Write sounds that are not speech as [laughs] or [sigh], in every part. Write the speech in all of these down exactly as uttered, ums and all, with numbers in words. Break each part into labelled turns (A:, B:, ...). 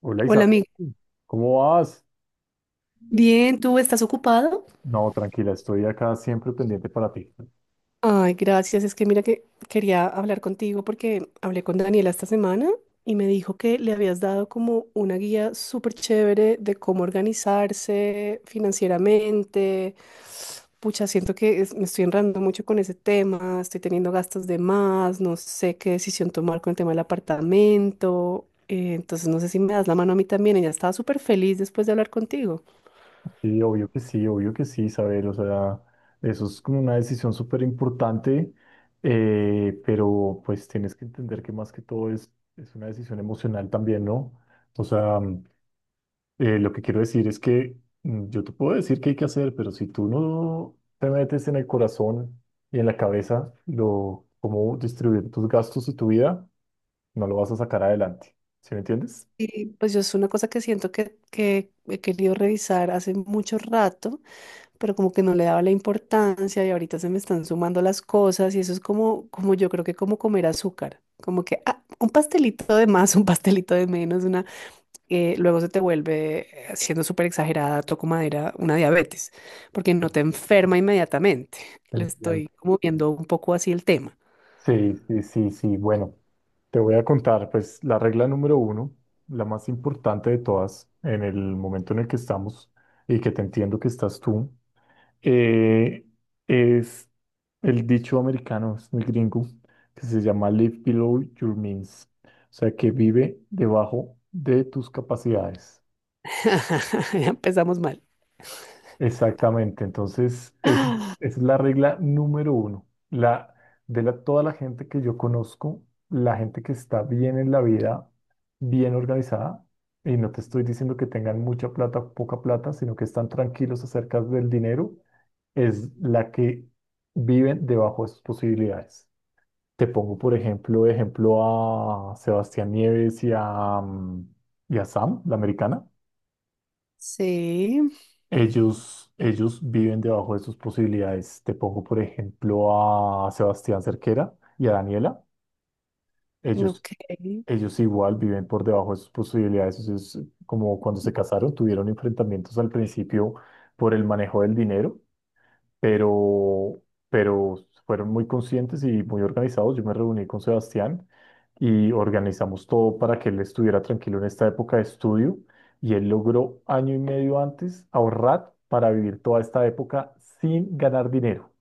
A: Hola
B: Hola, amiga.
A: Isabel, ¿cómo vas?
B: Bien, ¿tú estás ocupado?
A: No, tranquila, estoy acá siempre pendiente para ti.
B: Ay, gracias. Es que mira que quería hablar contigo porque hablé con Daniela esta semana y me dijo que le habías dado como una guía súper chévere de cómo organizarse financieramente. Pucha, siento que es- me estoy enredando mucho con ese tema, estoy teniendo gastos de más, no sé qué decisión tomar con el tema del apartamento. Eh, entonces, no sé si me das la mano a mí también. Ella estaba súper feliz después de hablar contigo.
A: Sí, obvio que sí, obvio que sí, Isabel, o sea, eso es como una decisión súper importante, eh, pero pues tienes que entender que más que todo es, es una decisión emocional también, ¿no? O sea, mm, eh, lo que quiero decir es que mm, yo te puedo decir qué hay que hacer, pero si tú no te metes en el corazón y en la cabeza lo, cómo distribuir tus gastos y tu vida, no lo vas a sacar adelante. ¿Sí me entiendes?
B: Y pues yo es una cosa que siento que, que he querido revisar hace mucho rato, pero como que no le daba la importancia y ahorita se me están sumando las cosas y eso es como, como yo creo que como comer azúcar, como que ah, un pastelito de más, [laughs] un pastelito de menos, una, eh, luego se te vuelve, eh, siendo súper exagerada, toco madera, una diabetes, porque no te enferma inmediatamente. Le
A: Entiendo.
B: estoy como viendo un poco así el tema.
A: Sí, sí, sí, sí. Bueno, te voy a contar, pues la regla número uno, la más importante de todas en el momento en el que estamos y que te entiendo que estás tú, eh, es el dicho americano, es muy gringo, que se llama Live Below Your Means, o sea, que vive debajo de tus capacidades.
B: [laughs] Ya empezamos mal.
A: Exactamente, entonces es, esa es la regla número uno. La, de la, toda la gente que yo conozco, la gente que está bien en la vida, bien organizada, y no te estoy diciendo que tengan mucha plata o poca plata, sino que están tranquilos acerca del dinero, es la que viven debajo de sus posibilidades. Te pongo, por ejemplo, ejemplo a Sebastián Nieves y a, mm, y a Sam, la americana.
B: Sí,
A: Ellos, ellos viven debajo de sus posibilidades. Te pongo, por ejemplo, a Sebastián Cerquera y a Daniela. Ellos,
B: ok.
A: ellos igual viven por debajo de sus posibilidades. Eso es como cuando se casaron, tuvieron enfrentamientos al principio por el manejo del dinero, pero, pero fueron muy conscientes y muy organizados. Yo me reuní con Sebastián y organizamos todo para que él estuviera tranquilo en esta época de estudio y él logró año y medio antes ahorrar para vivir toda esta época sin ganar dinero.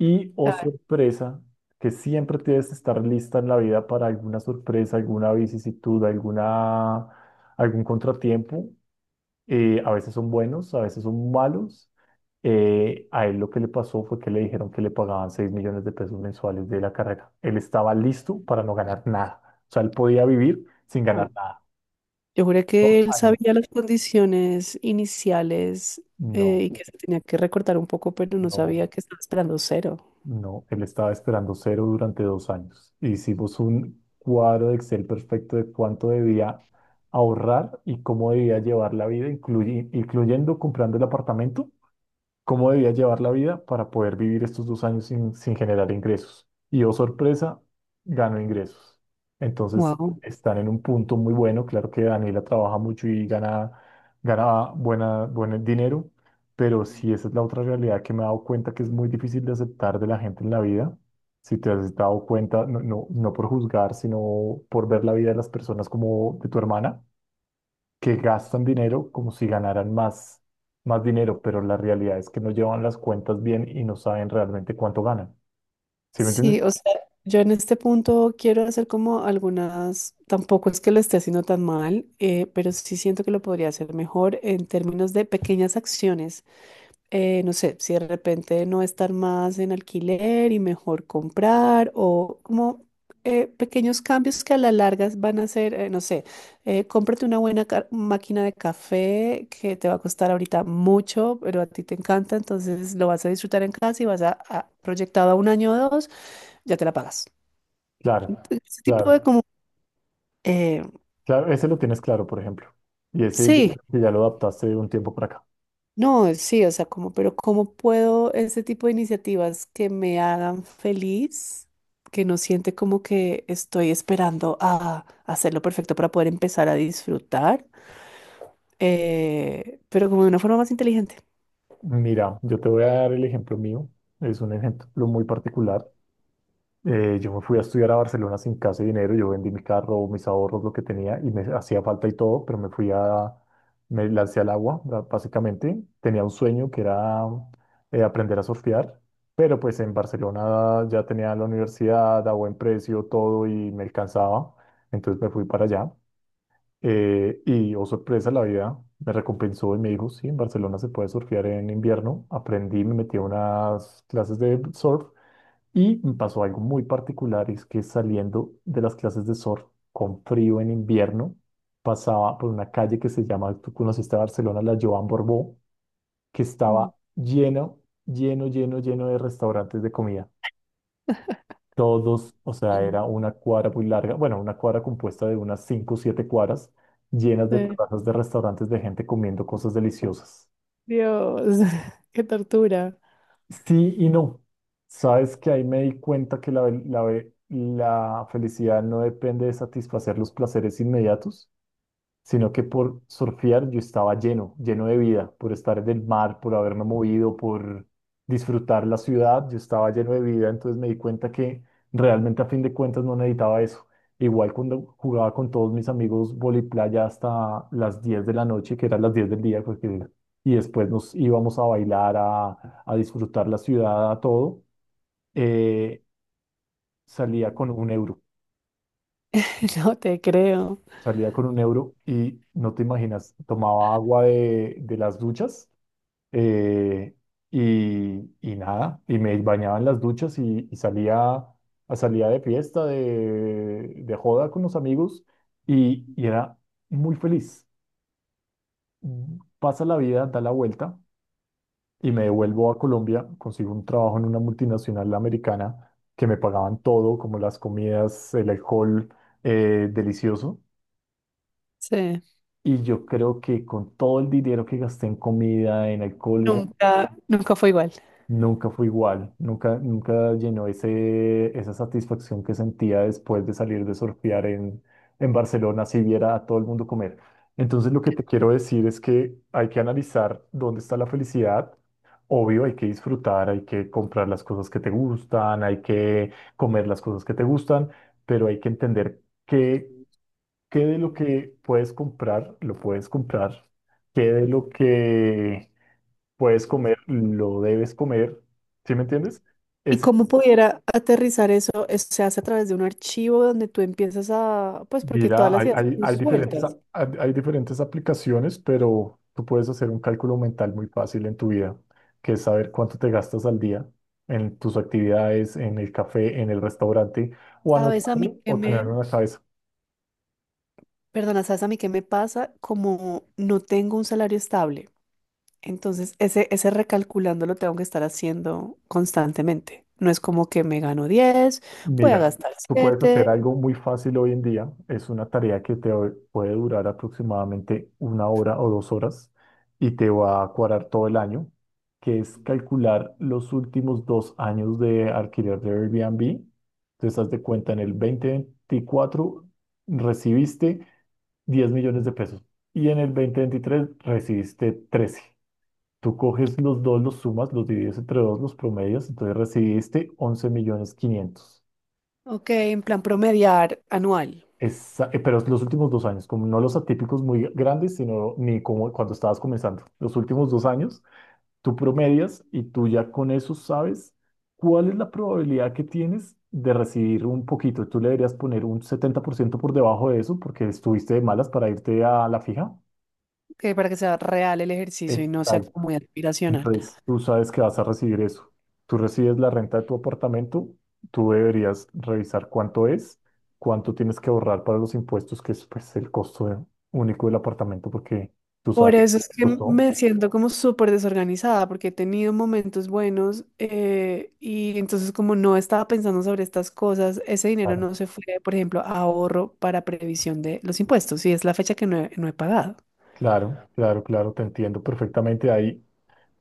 A: Y, oh sorpresa, que siempre tienes que estar lista en la vida para alguna sorpresa, alguna vicisitud, alguna, algún contratiempo. Eh, a veces son buenos, a veces son malos. Eh, a él lo que le pasó fue que le dijeron que le pagaban seis millones de pesos mensuales de la carrera. Él estaba listo para no ganar nada. O sea, él podía vivir sin
B: Ah.
A: ganar nada.
B: Yo juré que
A: Dos
B: él
A: años.
B: sabía las condiciones iniciales eh,
A: No,
B: y que se tenía que recortar un poco, pero no
A: no,
B: sabía que estaba esperando cero.
A: no. Él estaba esperando cero durante dos años. Hicimos un cuadro de Excel perfecto de cuánto debía ahorrar y cómo debía llevar la vida, incluyi- incluyendo comprando el apartamento, cómo debía llevar la vida para poder vivir estos dos años sin, sin generar ingresos. Y oh sorpresa, ganó ingresos. Entonces
B: Wow.
A: están en un punto muy bueno. Claro que Daniela trabaja mucho y gana, gana buena, buen dinero, pero sí esa es la otra realidad que me he dado cuenta que es muy difícil de aceptar de la gente en la vida. Si te has dado cuenta, no, no, no por juzgar, sino por ver la vida de las personas como de tu hermana, que gastan dinero como si ganaran más, más dinero, pero la realidad es que no llevan las cuentas bien y no saben realmente cuánto ganan. ¿Sí me entiendes?
B: Sí, o sea, yo en este punto quiero hacer como algunas, tampoco es que lo esté haciendo tan mal, eh, pero sí siento que lo podría hacer mejor en términos de pequeñas acciones. Eh, no sé, si de repente no estar más en alquiler y mejor comprar o como eh, pequeños cambios que a la larga van a ser, eh, no sé, eh, cómprate una buena ca- máquina de café que te va a costar ahorita mucho, pero a ti te encanta, entonces lo vas a disfrutar en casa y vas a, a- proyectado a un año o dos, ya te la pagas.
A: Claro,
B: Ent- Ese tipo
A: claro,
B: de como, eh,
A: claro. Ese lo tienes claro, por ejemplo. Y ese yo
B: sí.
A: creo que ya lo adaptaste de un tiempo para acá.
B: No, sí, o sea, como, pero ¿cómo puedo este tipo de iniciativas que me hagan feliz, que no siente como que estoy esperando a hacerlo perfecto para poder empezar a disfrutar, eh, pero como de una forma más inteligente?
A: Mira, yo te voy a dar el ejemplo mío. Es un ejemplo muy particular. Eh, yo me fui a estudiar a Barcelona sin casi dinero, yo vendí mi carro, mis ahorros, lo que tenía y me hacía falta y todo, pero me fui a, me lancé al agua, ba- básicamente. Tenía un sueño que era eh, aprender a surfear, pero pues en Barcelona ya tenía la universidad a buen precio, todo y me alcanzaba, entonces me fui para allá. Eh, y oh sorpresa, la vida me recompensó y me dijo, sí, en Barcelona se puede surfear en invierno. Aprendí, me metí a unas clases de surf. Y me pasó algo muy particular, es que saliendo de las clases de surf con frío en invierno, pasaba por una calle que se llama, tú conociste Barcelona, la Joan Borbó, que
B: Mm.
A: estaba lleno, lleno, lleno, lleno de restaurantes de comida. Todos, o sea,
B: [clears throat]
A: era una cuadra muy larga, bueno, una cuadra compuesta de unas cinco o siete cuadras llenas de
B: Eh,
A: terrazas de restaurantes de gente comiendo cosas deliciosas.
B: Dios, [laughs] qué tortura.
A: Sí y no. Sabes que ahí me di cuenta que la, ve- la, ve- la felicidad no depende de satisfacer los placeres inmediatos, sino que por surfear yo estaba lleno, lleno de vida, por estar en el mar, por haberme movido, por disfrutar la ciudad. Yo estaba lleno de vida, entonces me di cuenta que realmente a fin de cuentas no necesitaba eso. Igual cuando jugaba con todos mis amigos voliplaya hasta las diez de la noche, que eran las diez del día, porque, y después nos íbamos a bailar, a disfrutar la ciudad, a todo, eh, salía con un euro.
B: [laughs] No te creo.
A: Salía con un euro y no te imaginas, tomaba agua de, de las duchas, eh, y, y nada, y me bañaba en las duchas y, y salía, a- salía de fiesta, de, de joda con los amigos, y, y era muy feliz. Mm, Pasa la vida, da la vuelta y me devuelvo a Colombia, consigo un trabajo en una multinacional americana que me pagaban todo, como las comidas, el alcohol, eh, delicioso.
B: Sí.
A: Y yo creo que con todo el dinero que gasté en comida, en alcohol,
B: Nunca, nunca fue igual.
A: nunca fue igual, nunca, nunca llenó ese, esa satisfacción que sentía después de salir de surfear en, en Barcelona, si viera a todo el mundo comer. Entonces lo que te quiero decir es que hay que analizar dónde está la felicidad. Obvio, hay que disfrutar, hay que comprar las cosas que te gustan, hay que comer las cosas que te gustan, pero hay que entender que ¿qué de lo que puedes comprar, lo puedes comprar? ¿Qué de lo que puedes comer, lo debes comer? ¿Sí me entiendes?
B: ¿Y
A: Es,
B: cómo pudiera aterrizar eso? Eso se hace a través de un archivo donde tú empiezas a, pues porque todas
A: mira,
B: las
A: hay,
B: ideas
A: hay,
B: son
A: hay diferentes, a-
B: sueltas.
A: hay, hay diferentes aplicaciones, pero tú puedes hacer un cálculo mental muy fácil en tu vida, que es saber cuánto te gastas al día en tus actividades, en el café, en el restaurante, o
B: ¿Sabes a mí
A: anotarlo
B: qué
A: o
B: me,
A: tenerlo en la cabeza.
B: perdona, ¿sabes a mí qué me pasa? Como no tengo un salario estable, entonces ese, ese recalculando lo tengo que estar haciendo constantemente. No es como que me gano diez, voy a
A: Mira,
B: gastar
A: tú puedes hacer
B: siete.
A: algo muy fácil hoy en día. Es una tarea que te o- puede durar aproximadamente una hora o dos horas y te va a cuadrar todo el año, que es calcular los últimos dos años de alquiler de Airbnb. Te das de cuenta, en el dos mil veinticuatro recibiste diez millones de pesos y en el dos mil veintitrés recibiste trece. Tú coges los dos, los sumas, los divides entre dos, los promedios, entonces recibiste once millones quinientos.
B: Ok, en plan promediar anual.
A: Esa- eh, pero es los últimos dos años, como no los atípicos muy grandes, sino ni como cuando estabas comenzando. Los últimos dos años, tú promedias y tú ya con eso sabes cuál es la probabilidad que tienes de recibir un poquito. Tú le deberías poner un setenta por ciento por debajo de eso porque estuviste de malas para irte a la fija.
B: Que para que sea real el ejercicio y no sea
A: Exacto.
B: como muy aspiracional.
A: Entonces, tú sabes que vas a recibir eso. Tú recibes la renta de tu apartamento, tú deberías revisar cuánto es, cuánto tienes que ahorrar para los impuestos, que es pues, el costo de- único del apartamento, porque tú
B: Por
A: sabes,
B: eso es que
A: costó.
B: me siento como súper desorganizada, porque he tenido momentos buenos, eh, y entonces como no estaba pensando sobre estas cosas, ese dinero
A: Claro,
B: no se fue, por ejemplo, a ahorro para previsión de los impuestos, y es la fecha que no he, no he pagado.
A: claro, claro, claro, te entiendo perfectamente. Ahí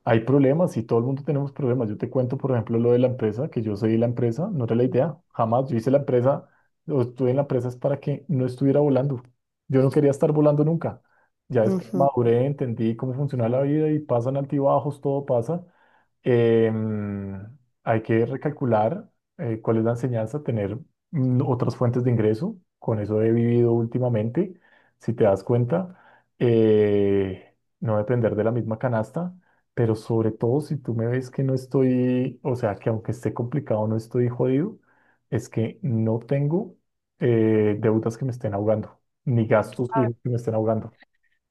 A: hay problemas, y todo el mundo tenemos problemas. Yo te cuento, por ejemplo, lo de la empresa, que yo soy la empresa, no era la idea, jamás. Yo hice la empresa, o estuve en la empresa, es para que no estuviera volando. Yo no quería estar volando nunca. Ya después
B: Ujú.
A: maduré, entendí cómo funciona la vida y pasan altibajos, todo pasa. Em, hay que recalcular, eh, cuál es la enseñanza, tener mm, otras fuentes de ingreso. Con eso he vivido últimamente, si te das cuenta. Eh, no depender de la misma canasta, pero sobre todo si tú me ves que no estoy, o sea, que aunque esté complicado, no estoy jodido, es que no tengo eh, deudas que me estén ahogando, ni gastos fijos que me estén ahogando.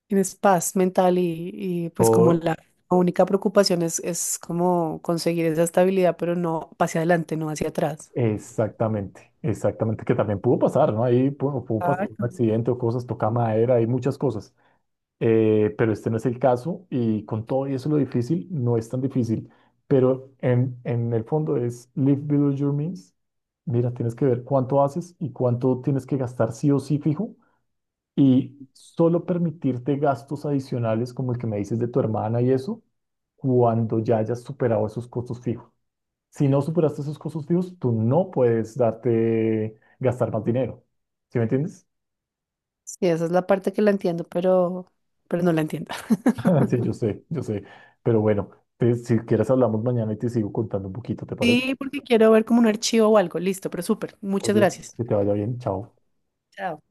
B: Tienes paz mental y, y, pues como
A: Todo
B: la única preocupación es, es como conseguir esa estabilidad, pero no hacia adelante, no hacia atrás.
A: exactamente, exactamente, que también pudo pasar, ¿no? Ahí pudo, pudo pasar un accidente o cosas, toca madera, hay muchas cosas, eh, pero este no es el caso y con todo y eso lo difícil no es tan difícil, pero en, en el fondo es live below your means. Mira, tienes que ver cuánto haces y cuánto tienes que gastar sí o sí fijo, y solo permitirte gastos adicionales como el que me dices de tu hermana y eso cuando ya hayas superado esos costos fijos. Si no superaste esos costos fijos, tú no puedes darte gastar más dinero. ¿Sí me entiendes?
B: Sí, esa es la parte que la entiendo, pero, pero no la entiendo. [laughs]
A: [laughs] Sí, yo sé, yo sé. Pero bueno, te- si quieres hablamos mañana y te sigo contando un poquito, ¿te parece?
B: Sí, porque quiero ver como un archivo o algo. Listo, pero súper.
A: Pues
B: Muchas
A: bien,
B: gracias.
A: que te vaya bien, chao.
B: Chao.